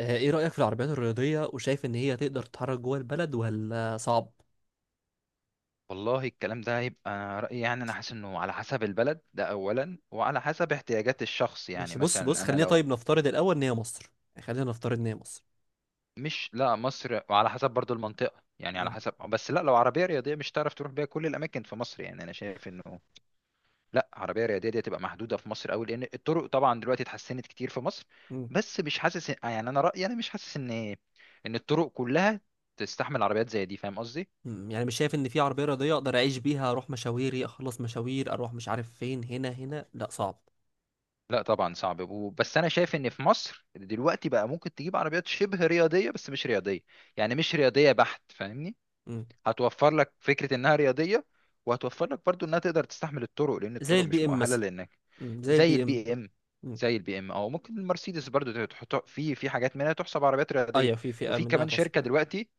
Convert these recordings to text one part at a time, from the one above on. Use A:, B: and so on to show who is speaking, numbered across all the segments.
A: ايه رأيك في العربيات الرياضية وشايف ان هي تقدر تتحرك جوه البلد ولا صعب؟
B: والله الكلام ده هيبقى، أنا رأيي يعني أنا حاسس إنه على حسب البلد ده أولا وعلى حسب احتياجات الشخص. يعني
A: ماشي. بص،
B: مثلا أنا
A: خلينا
B: لو
A: طيب نفترض الاول ان هي مصر. خلينا نفترض ان هي مصر
B: مش، لا مصر، وعلى حسب برضو المنطقة، يعني على
A: مم.
B: حسب، بس لا لو عربية رياضية مش تعرف تروح بيها كل الأماكن في مصر، يعني أنا شايف إنه لا، عربية رياضية دي تبقى محدودة في مصر أوي، لأن الطرق طبعا دلوقتي اتحسنت كتير في مصر،
A: مم.
B: بس مش حاسس، يعني أنا رأيي، أنا مش حاسس إن الطرق كلها تستحمل عربيات زي دي. فاهم قصدي؟
A: مم. يعني مش شايف ان في عربية رياضية اقدر اعيش بيها، اروح مشاويري، اخلص مشاوير، اروح مش عارف فين، هنا هنا؟ لا صعب.
B: لا طبعا صعب بس انا شايف ان في مصر دلوقتي بقى ممكن تجيب عربيات شبه رياضيه بس مش رياضيه، يعني مش رياضيه بحت، فاهمني؟
A: مم.
B: هتوفر لك فكره انها رياضيه، وهتوفر لك برضو انها تقدر تستحمل الطرق، لان
A: زي
B: الطرق مش
A: البي ام
B: مؤهله،
A: مثلا.
B: لانك
A: مم. زي
B: زي
A: البي ام.
B: البي ام،
A: مم.
B: زي البي ام، او ممكن المرسيدس برضو تحط في حاجات منها تحسب عربيات رياضيه.
A: ايوه، في فئة
B: وفي
A: منها
B: كمان
A: تعصب
B: شركه
A: رياضة.
B: دلوقتي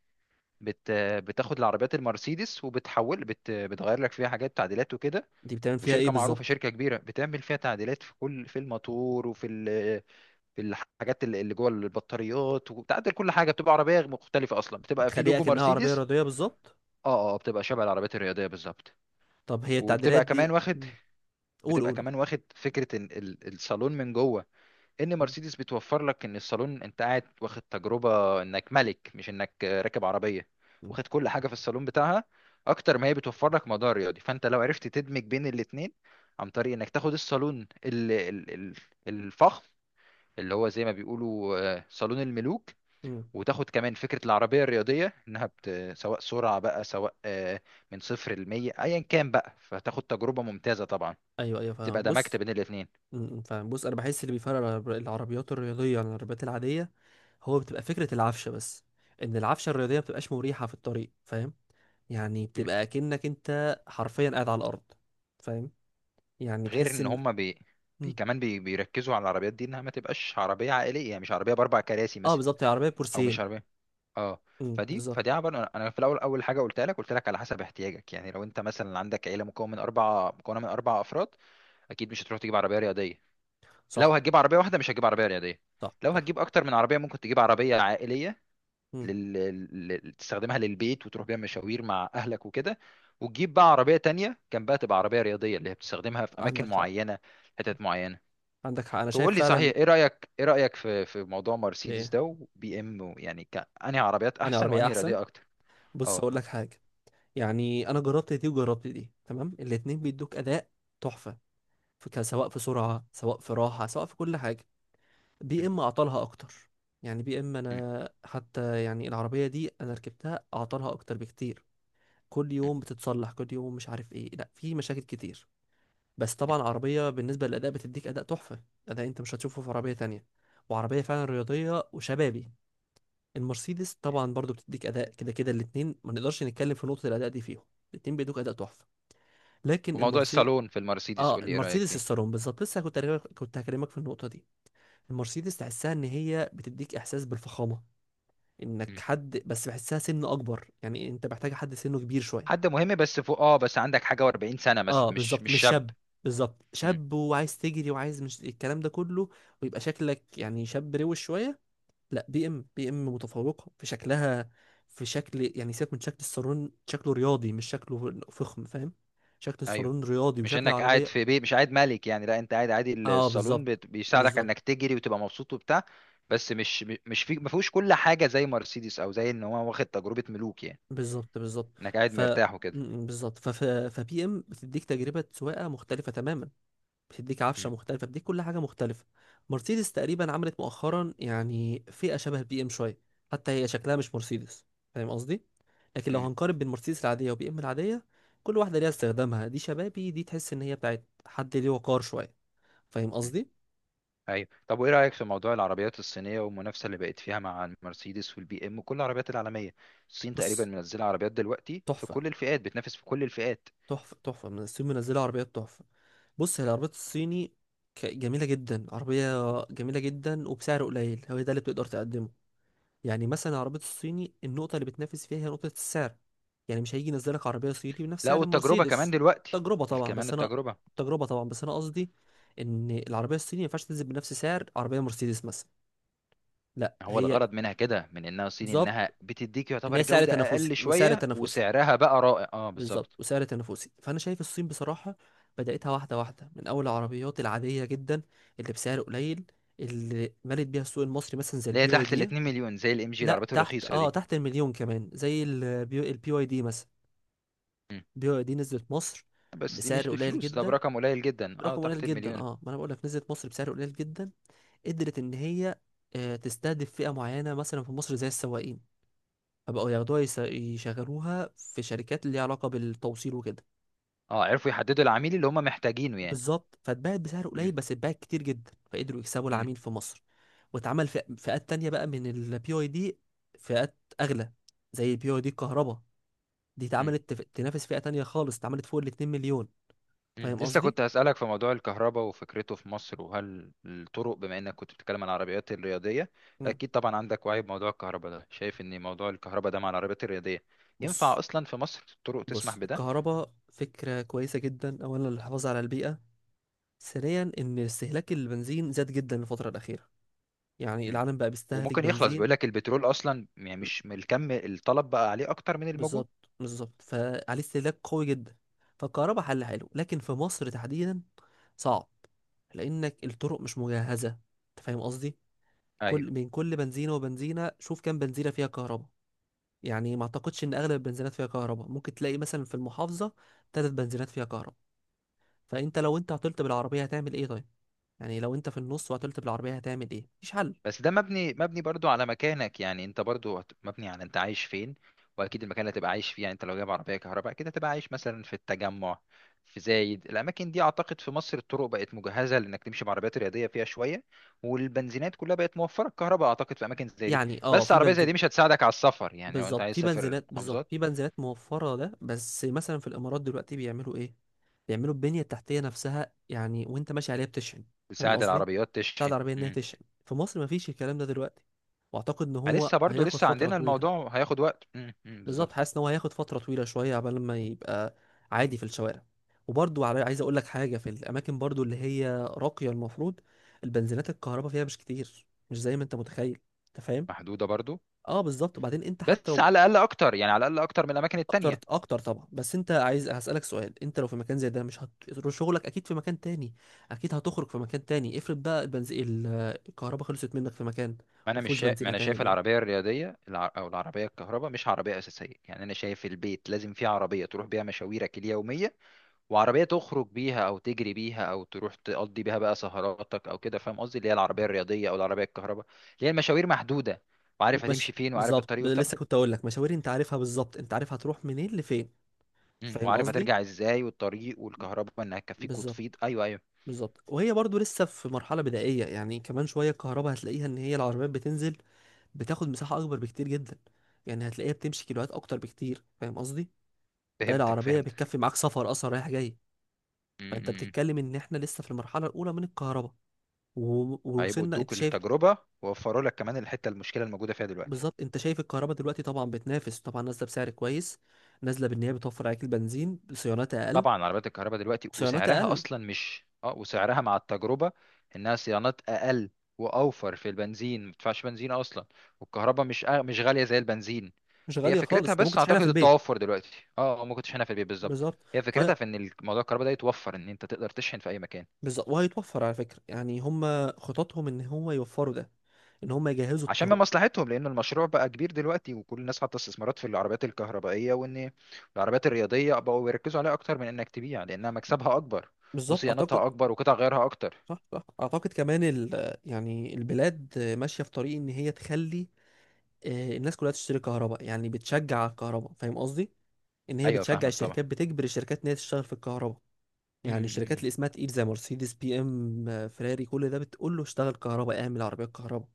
B: بت بتاخد العربيات المرسيدس وبتحول، بتغير لك فيها حاجات، تعديلات وكده.
A: دي بتعمل فيها ايه
B: وشركه معروفه،
A: بالظبط؟
B: شركه كبيره بتعمل فيها تعديلات في كل، في الموتور وفي في الحاجات اللي جوه البطاريات، وبتعدل كل حاجه. بتبقى عربيه مختلفه اصلا، بتبقى في
A: بتخليها
B: لوجو
A: كأنها عربية
B: مرسيدس.
A: رياضية بالظبط.
B: اه، اه، بتبقى شبه العربيات الرياضيه بالظبط.
A: طب هي التعديلات
B: وبتبقى كمان
A: دي
B: واخد،
A: مم. قول
B: بتبقى
A: قول.
B: كمان واخد فكره إن الصالون من جوه، ان
A: مم.
B: مرسيدس بتوفر لك ان الصالون انت قاعد واخد تجربه انك ملك، مش انك راكب عربيه.
A: مم.
B: واخد كل حاجه في الصالون بتاعها، اكتر ما هي بتوفر لك موضوع رياضي. فانت لو عرفت تدمج بين الاتنين، عن طريق انك تاخد الصالون الفخم، اللي هو زي ما بيقولوا صالون الملوك،
A: مم.
B: وتاخد كمان فكرة العربية الرياضية، انها سواء سرعة بقى، سواء من صفر لمية ايا كان بقى، فتاخد تجربة ممتازة طبعا،
A: ايوه ايوه فاهم.
B: تبقى دمجت
A: بص.
B: بين الاتنين.
A: فبص، انا بحس اللي بيفرق العربيات الرياضيه عن العربيات العاديه هو بتبقى فكره العفشه بس. ان العفشه الرياضيه ما بتبقاش مريحه في الطريق، فاهم؟ يعني بتبقى اكنك انت حرفيا قاعد على الارض، فاهم؟ يعني
B: غير
A: تحس
B: ان
A: ان
B: هم
A: م.
B: بيركزوا على العربيات دي انها ما تبقاش عربيه عائليه، يعني مش عربيه باربع كراسي
A: اه
B: مثلا،
A: بالظبط، هي عربيه
B: او مش
A: بورسين.
B: عربيه، اه. فدي
A: بالظبط.
B: فدي عبارة، أنا في الاول، اول حاجه قلت لك على حسب احتياجك. يعني لو انت مثلا عندك عيله مكونه من اربع افراد، اكيد مش هتروح تجيب عربيه رياضيه. لو
A: صح
B: هتجيب عربيه واحده مش هتجيب عربيه رياضيه.
A: صح
B: لو
A: صح.
B: هتجيب اكتر من عربيه ممكن تجيب عربيه عائليه
A: م.
B: لل... تستخدمها للبيت وتروح بيها مشاوير مع اهلك وكده، وتجيب بقى عربيه تانية جنبها تبقى عربيه رياضيه، اللي هي بتستخدمها في اماكن
A: عندك حق.
B: معينه، حتت معينه.
A: عندك حق، انا شايف
B: تقول لي
A: فعلا.
B: صحيح، ايه رايك، ايه رايك في في موضوع مرسيدس
A: ايه،
B: ده وبي ام، يعني انهي عربيات
A: انا
B: احسن
A: عربيه
B: وانهي
A: احسن.
B: رياضيه اكتر؟
A: بص
B: اه.
A: هقول لك حاجه، يعني انا جربت دي وجربت دي، تمام. الاتنين بيدوك اداء تحفه، سواء في سرعة، سواء في راحة، سواء في كل حاجة. بي
B: مم.
A: ام اعطالها اكتر، يعني بي ام
B: مم.
A: انا حتى يعني العربية دي انا ركبتها اعطالها اكتر بكتير. كل
B: مم.
A: يوم بتتصلح، كل يوم مش عارف ايه، لا في مشاكل كتير. بس طبعا عربية بالنسبة للأداء بتديك أداء تحفة، أداء أنت مش هتشوفه في عربية تانية، وعربية فعلا رياضية وشبابي. المرسيدس طبعا برضو بتديك أداء، كده كده الاتنين ما نقدرش نتكلم في نقطة الأداء دي فيهم، الاتنين بيدوك أداء تحفة. لكن
B: وموضوع
A: المرسيدس
B: الصالون في المرسيدس
A: اه،
B: قول لي ايه رايك
A: المرسيدس
B: فيه.
A: الصالون بالظبط، لسه كنت هكلمك في النقطة دي. المرسيدس تحسها ان هي بتديك احساس بالفخامه، انك
B: مم.
A: حد، بس بحسها سن اكبر، يعني انت محتاج حد سنه كبير شويه.
B: حد مهم بس فوق، اه، بس عندك حاجه و40 سنه مثلا،
A: اه
B: مش
A: بالظبط
B: مش
A: مش
B: شاب.
A: شاب، بالظبط.
B: مم.
A: شاب وعايز تجري وعايز مش الكلام ده كله، ويبقى شكلك يعني شاب روش شويه. لا، بي ام متفوقه في شكلها، في شكل يعني سيبك من شكل الصالون، شكله رياضي مش شكله فخم، فاهم؟ شكل
B: ايوه،
A: الصالون رياضي
B: مش
A: وشكل
B: انك قاعد
A: العربيه
B: في بيت، مش قاعد ملك يعني، لا انت قاعد عادي.
A: اه
B: الصالون
A: بالظبط
B: بيساعدك
A: بالظبط.
B: انك تجري وتبقى مبسوط وبتاع، بس مش في، ما فيهوش كل حاجه زي مرسيدس، او زي ان هو واخد تجربه ملوك يعني،
A: بالظبط بالظبط.
B: انك قاعد
A: ف
B: مرتاح وكده.
A: بالظبط ف فبي ام بتديك تجربه سواقه مختلفه تماما، بتديك
B: مم.
A: عفشه مختلفه، بتديك كل حاجه مختلفه. مرسيدس تقريبا عملت مؤخرا يعني فئه شبه البي ام شويه، حتى هي شكلها مش مرسيدس، فاهم قصدي؟ لكن لو هنقارن بين مرسيدس العاديه وبي ام العاديه، كل واحده ليها استخدامها، دي شبابي، دي تحس ان هي بتاعت حد ليه وقار شويه، فاهم
B: مم.
A: قصدي؟
B: ايوه. طب وايه رايك في موضوع العربيات الصينيه والمنافسه اللي بقت فيها مع المرسيدس والبي ام وكل العربيات العالميه؟ الصين تقريبا
A: بص،
B: منزله عربيات دلوقتي في
A: تحفه
B: كل الفئات، بتنافس في كل الفئات.
A: تحفه تحفه، من الصين منزله عربيات تحفه. بص، هي العربيات الصيني جميلة جدا عربية، جميلة جدا وبسعر قليل، هو ده اللي بتقدر تقدمه. يعني مثلا العربية الصيني النقطة اللي بتنافس فيها هي نقطة السعر، يعني مش هيجي ينزلك عربية صيني بنفس
B: لا،
A: سعر
B: والتجربه كمان
A: المرسيدس.
B: دلوقتي،
A: تجربة طبعا
B: كمان
A: بس أنا
B: التجربه.
A: تجربة طبعا، بس أنا قصدي إن العربية الصيني ما ينفعش تنزل بنفس سعر عربية مرسيدس مثلا. لا
B: هو
A: هي
B: الغرض منها كده، من انها صين، انها
A: بالظبط،
B: بتديك
A: إن
B: يعتبر
A: هي سعر
B: جوده
A: تنافسي
B: اقل
A: وسعر
B: شويه
A: تنافسي
B: وسعرها بقى رائع. اه بالظبط،
A: بالظبط، وسعر تنافسي. فانا شايف الصين بصراحه بداتها واحده واحده، من اول العربيات العاديه جدا اللي بسعر قليل، اللي مالت بيها السوق المصري مثلا زي
B: اللي هي
A: البي واي
B: تحت ال
A: دي.
B: 2 مليون، زي الام جي،
A: لا
B: العربيات
A: تحت،
B: الرخيصه
A: اه
B: دي.
A: تحت المليون كمان، زي البي واي دي مثلا.
B: مم.
A: البي واي دي نزلت مصر
B: بس دي مش
A: بسعر قليل
B: بفلوس، ده
A: جدا،
B: برقم قليل جدا، اه
A: رقم قليل
B: تحت
A: جدا،
B: المليون.
A: اه ما انا بقول لك نزلت مصر بسعر قليل جدا. قدرت ان هي تستهدف فئه معينه مثلا في مصر زي السواقين، فبقوا ياخدوها يشغلوها في شركات اللي ليها علاقه بالتوصيل وكده.
B: اه، عرفوا يحددوا العميل اللي هم محتاجينه يعني.
A: بالظبط، فاتباعت بسعر قليل
B: مم.
A: بس اتباعت كتير جدا، فقدروا يكسبوا العميل في مصر. واتعمل فئات تانية بقى من البي اي دي، فئات اغلى زي البي اي دي الكهرباء، دي
B: مم.
A: اتعملت تنافس فئة تانية خالص، اتعملت فوق ال 2 مليون.
B: مم.
A: فاهم
B: لسه
A: قصدي؟
B: كنت هسألك في موضوع الكهرباء وفكرته في مصر، وهل الطرق، بما انك كنت بتتكلم عن العربيات الرياضية،
A: مم.
B: اكيد طبعا عندك وعي بموضوع الكهرباء ده، شايف ان موضوع الكهرباء ده مع العربيات الرياضية
A: بص،
B: ينفع اصلا في مصر؟ الطرق تسمح
A: بص
B: بده؟
A: الكهرباء فكرة كويسة جدا، اولا للحفاظ على البيئة، ثانيا ان استهلاك البنزين زاد جدا الفترة الأخيرة، يعني
B: مم.
A: العالم بقى بيستهلك
B: وممكن يخلص،
A: بنزين.
B: بيقول لك البترول اصلا يعني مش، من الكم، الطلب بقى عليه اكتر من الموجود.
A: بالظبط بالظبط، فعليه استهلاك قوي جدا. فالكهرباء حل حلو، لكن في مصر تحديدا صعب، لانك الطرق مش مجهزه، انت فاهم قصدي؟ كل
B: ايوه،
A: من كل بنزينه وبنزينه، شوف كام بنزينه فيها كهرباء. يعني ما اعتقدش ان اغلب البنزينات فيها كهرباء، ممكن تلاقي مثلا في المحافظه ثلاث بنزينات فيها كهرباء. فانت لو انت عطلت بالعربيه هتعمل ايه طيب؟ يعني لو انت في النص وعطلت بالعربيه هتعمل ايه؟ مفيش حل.
B: بس ده مبني، مبني برضو على مكانك، يعني انت برضو مبني على انت عايش فين، واكيد المكان اللي هتبقى عايش فيه. يعني انت لو جايب عربيه كهرباء كده هتبقى عايش مثلا في التجمع، في زايد، الاماكن دي اعتقد في مصر الطرق بقت مجهزه لانك تمشي بعربيات رياضيه فيها شويه، والبنزينات كلها بقت موفره الكهرباء اعتقد في اماكن زي دي.
A: يعني اه
B: بس
A: في
B: عربيه زي دي
A: بنزين
B: مش هتساعدك على السفر، يعني لو انت
A: بالظبط،
B: عايز
A: في
B: تسافر
A: بنزينات بالظبط،
B: محافظات.
A: في بنزينات موفرة ده، بس مثلا في الإمارات دلوقتي بيعملوا إيه؟ بيعملوا البنية التحتية نفسها، يعني وأنت ماشي عليها بتشحن. فاهم
B: تساعد
A: قصدي؟
B: العربيات
A: بتاع
B: تشحن.
A: العربية إن هي تشحن. في مصر مفيش الكلام ده دلوقتي، وأعتقد إن هو
B: فلسه برضو،
A: هياخد
B: لسه
A: فترة
B: عندنا
A: طويلة.
B: الموضوع هياخد وقت.
A: بالظبط،
B: بالظبط.
A: حاسس إن هو هياخد فترة طويلة شوية عبال ما يبقى عادي في الشوارع. وبرضو عايز أقول لك حاجة، في الأماكن برضو اللي هي راقية، المفروض البنزينات الكهرباء فيها مش كتير، مش زي ما أنت متخيل. أنت فاهم؟
B: محدوده برضو،
A: اه بالظبط. وبعدين انت حتى
B: بس
A: لو
B: على الاقل اكتر، يعني على الاقل اكتر من الاماكن
A: اكتر،
B: التانية.
A: اكتر طبعا. بس انت عايز، هسألك سؤال، انت لو في مكان زي ده مش هتروح شغلك، اكيد في مكان تاني، اكيد هتخرج في مكان تاني. افرض بقى البنزين الكهرباء خلصت منك في مكان ما فيهوش بنزين،
B: ما انا
A: هتعمل
B: شايف
A: ايه؟
B: العربيه الرياضيه او العربيه الكهرباء مش عربيه اساسيه، يعني انا شايف البيت لازم فيه عربيه تروح بيها مشاويرك اليوميه، وعربيه تخرج بيها او تجري بيها او تروح تقضي بيها بقى سهراتك او كده، فاهم قصدي، اللي هي العربيه الرياضيه او العربيه الكهرباء، اللي هي المشاوير محدوده، وعارف هتمشي
A: ومش
B: فين، وعارف
A: بالظبط،
B: الطريق وبتاع.
A: لسه كنت اقول لك مشاوير انت عارفها بالظبط، انت عارف هتروح منين لفين،
B: مم.
A: فاهم
B: وعارف
A: قصدي؟
B: هترجع ازاي، والطريق، والكهرباء انها تكفيك وتفيض.
A: بالظبط
B: ايوه، ايوه.
A: بالظبط. وهي برضو لسه في مرحلة بدائية، يعني كمان شوية الكهرباء هتلاقيها ان هي العربيات بتنزل بتاخد مساحة اكبر بكتير جدا، يعني هتلاقيها بتمشي كيلوات اكتر بكتير، فاهم قصدي؟ تلاقي
B: فهمتك،
A: العربية
B: فهمتك.
A: بتكفي معاك سفر اصلا رايح جاي.
B: مم. مم،
A: فانت
B: مم.
A: بتتكلم ان احنا لسه في المرحله الاولى من الكهرباء،
B: هيبقوا
A: ووصلنا انت
B: ادوك
A: شايف
B: التجربه، ووفروا لك كمان الحته المشكله الموجوده فيها دلوقتي.
A: بالظبط. انت شايف الكهرباء دلوقتي طبعا بتنافس، طبعا نازله بسعر كويس، نازله بان هي بتوفر عليك البنزين بصيانات اقل،
B: طبعا عربيات الكهرباء دلوقتي
A: صيانات
B: وسعرها
A: اقل.
B: اصلا مش، اه وسعرها مع التجربه، انها صيانات اقل، واوفر في البنزين، ما بتدفعش بنزين اصلا، والكهرباء مش غاليه زي البنزين.
A: مش
B: هي
A: غاليه خالص،
B: فكرتها،
A: انت ممكن
B: بس
A: تشحنها في
B: اعتقد
A: البيت.
B: التوفر دلوقتي، ما كنتش هنا في البيت بالظبط.
A: بالظبط
B: هي فكرتها
A: فهي
B: في ان الموضوع الكهرباء ده يتوفر ان انت تقدر تشحن في اي مكان.
A: بالظبط، وهيتوفر على فكره، يعني هم خططهم ان هم يوفروا ده، ان هم يجهزوا
B: عشان من
A: الطرق.
B: مصلحتهم، لان المشروع بقى كبير دلوقتي، وكل الناس حاطه استثمارات في العربيات الكهربائيه، وان العربيات الرياضيه بقوا بيركزوا عليها اكتر من انك تبيع، لانها مكسبها اكبر،
A: بالظبط اعتقد.
B: وصيانتها اكبر، وقطع غيارها اكتر.
A: صح صح، اعتقد كمان يعني البلاد ماشيه في طريق ان هي تخلي الناس كلها تشتري كهرباء، يعني بتشجع على الكهرباء، فاهم قصدي؟ ان هي
B: ايوه
A: بتشجع
B: فاهمك طبعا.
A: الشركات، بتجبر الشركات ان هي تشتغل في الكهرباء.
B: مم،
A: يعني
B: مم،
A: الشركات
B: مم.
A: اللي اسمها تقيل زي مرسيدس، بي ام، فيراري، كل ده بتقول له اشتغل كهرباء، اعمل عربيه كهرباء.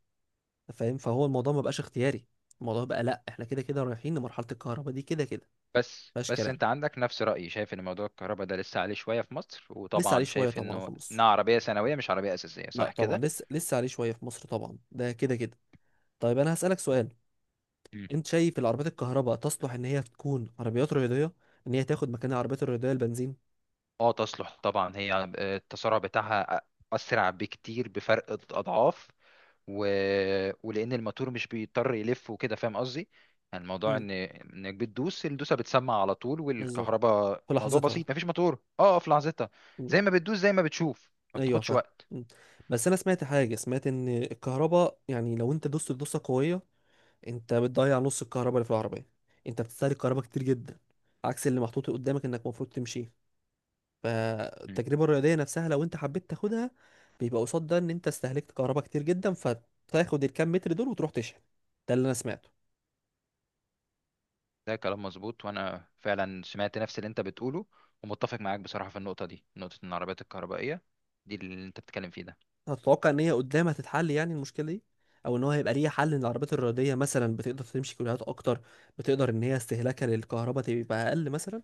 A: أنت فاهم؟ فهو الموضوع ما بقاش اختياري، الموضوع بقى لا احنا كده كده رايحين لمرحله الكهرباء دي كده كده.
B: بس
A: مفيهاش
B: بس
A: كلام،
B: انت عندك نفس رأيي، شايف ان موضوع الكهرباء ده لسه عليه شوية في مصر،
A: لسه عليه
B: وطبعا
A: شويه
B: شايف
A: طبعا في
B: انه انها
A: مصر.
B: عربية ثانوية مش عربية أساسية،
A: لا
B: صح
A: طبعا،
B: كده؟
A: لسه عليه شويه في مصر طبعا، ده كده كده. طيب انا هسالك سؤال،
B: مم.
A: انت شايف العربيات الكهرباء تصلح ان هي تكون عربيات رياضيه؟ ان هي تاخد مكان العربيات الرياضيه البنزين؟
B: اه تصلح طبعا، هي التسارع بتاعها أسرع بكتير بفرق، أضعاف، و... ولأن الموتور مش بيضطر يلف وكده، فاهم قصدي؟ يعني الموضوع
A: امم،
B: ان انك بتدوس الدوسة بتسمع على طول،
A: بالظبط،
B: والكهرباء
A: في
B: موضوع
A: لحظتها.
B: بسيط، مفيش موتور، في لحظتها،
A: إمم.
B: زي ما بتدوس زي ما بتشوف، ما
A: ايوه
B: بتاخدش
A: فاهم.
B: وقت.
A: مم. بس انا سمعت حاجه، سمعت ان الكهرباء يعني لو انت دوست دوسه قويه، انت بتضيع نص الكهرباء اللي في العربيه، انت بتستهلك كهرباء كتير جدا، عكس اللي محطوط قدامك انك المفروض تمشيه. فالتجربه الرياضيه نفسها لو انت حبيت تاخدها، بيبقى قصاد ده ان انت استهلكت كهرباء كتير جدا، فتاخد الكام متر دول وتروح تشحن. ده اللي انا سمعته.
B: ده كلام مظبوط، وانا فعلا سمعت نفس اللي انت بتقوله، ومتفق معاك بصراحة في النقطة دي، نقطة ان العربيات الكهربائية دي اللي انت بتتكلم فيه ده.
A: هتتوقع ان هي قدام هتتحل يعني المشكله دي، او ان هو هيبقى ليها حل ان العربيات الرياضيه مثلا بتقدر تمشي كيلوهات اكتر، بتقدر ان هي استهلاكها للكهرباء تبقى اقل مثلا؟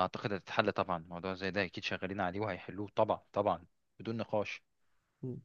B: اعتقد هتتحل طبعا، موضوع زي ده اكيد شغالين عليه وهيحلوه طبعا، طبعا، بدون نقاش.
A: إمم.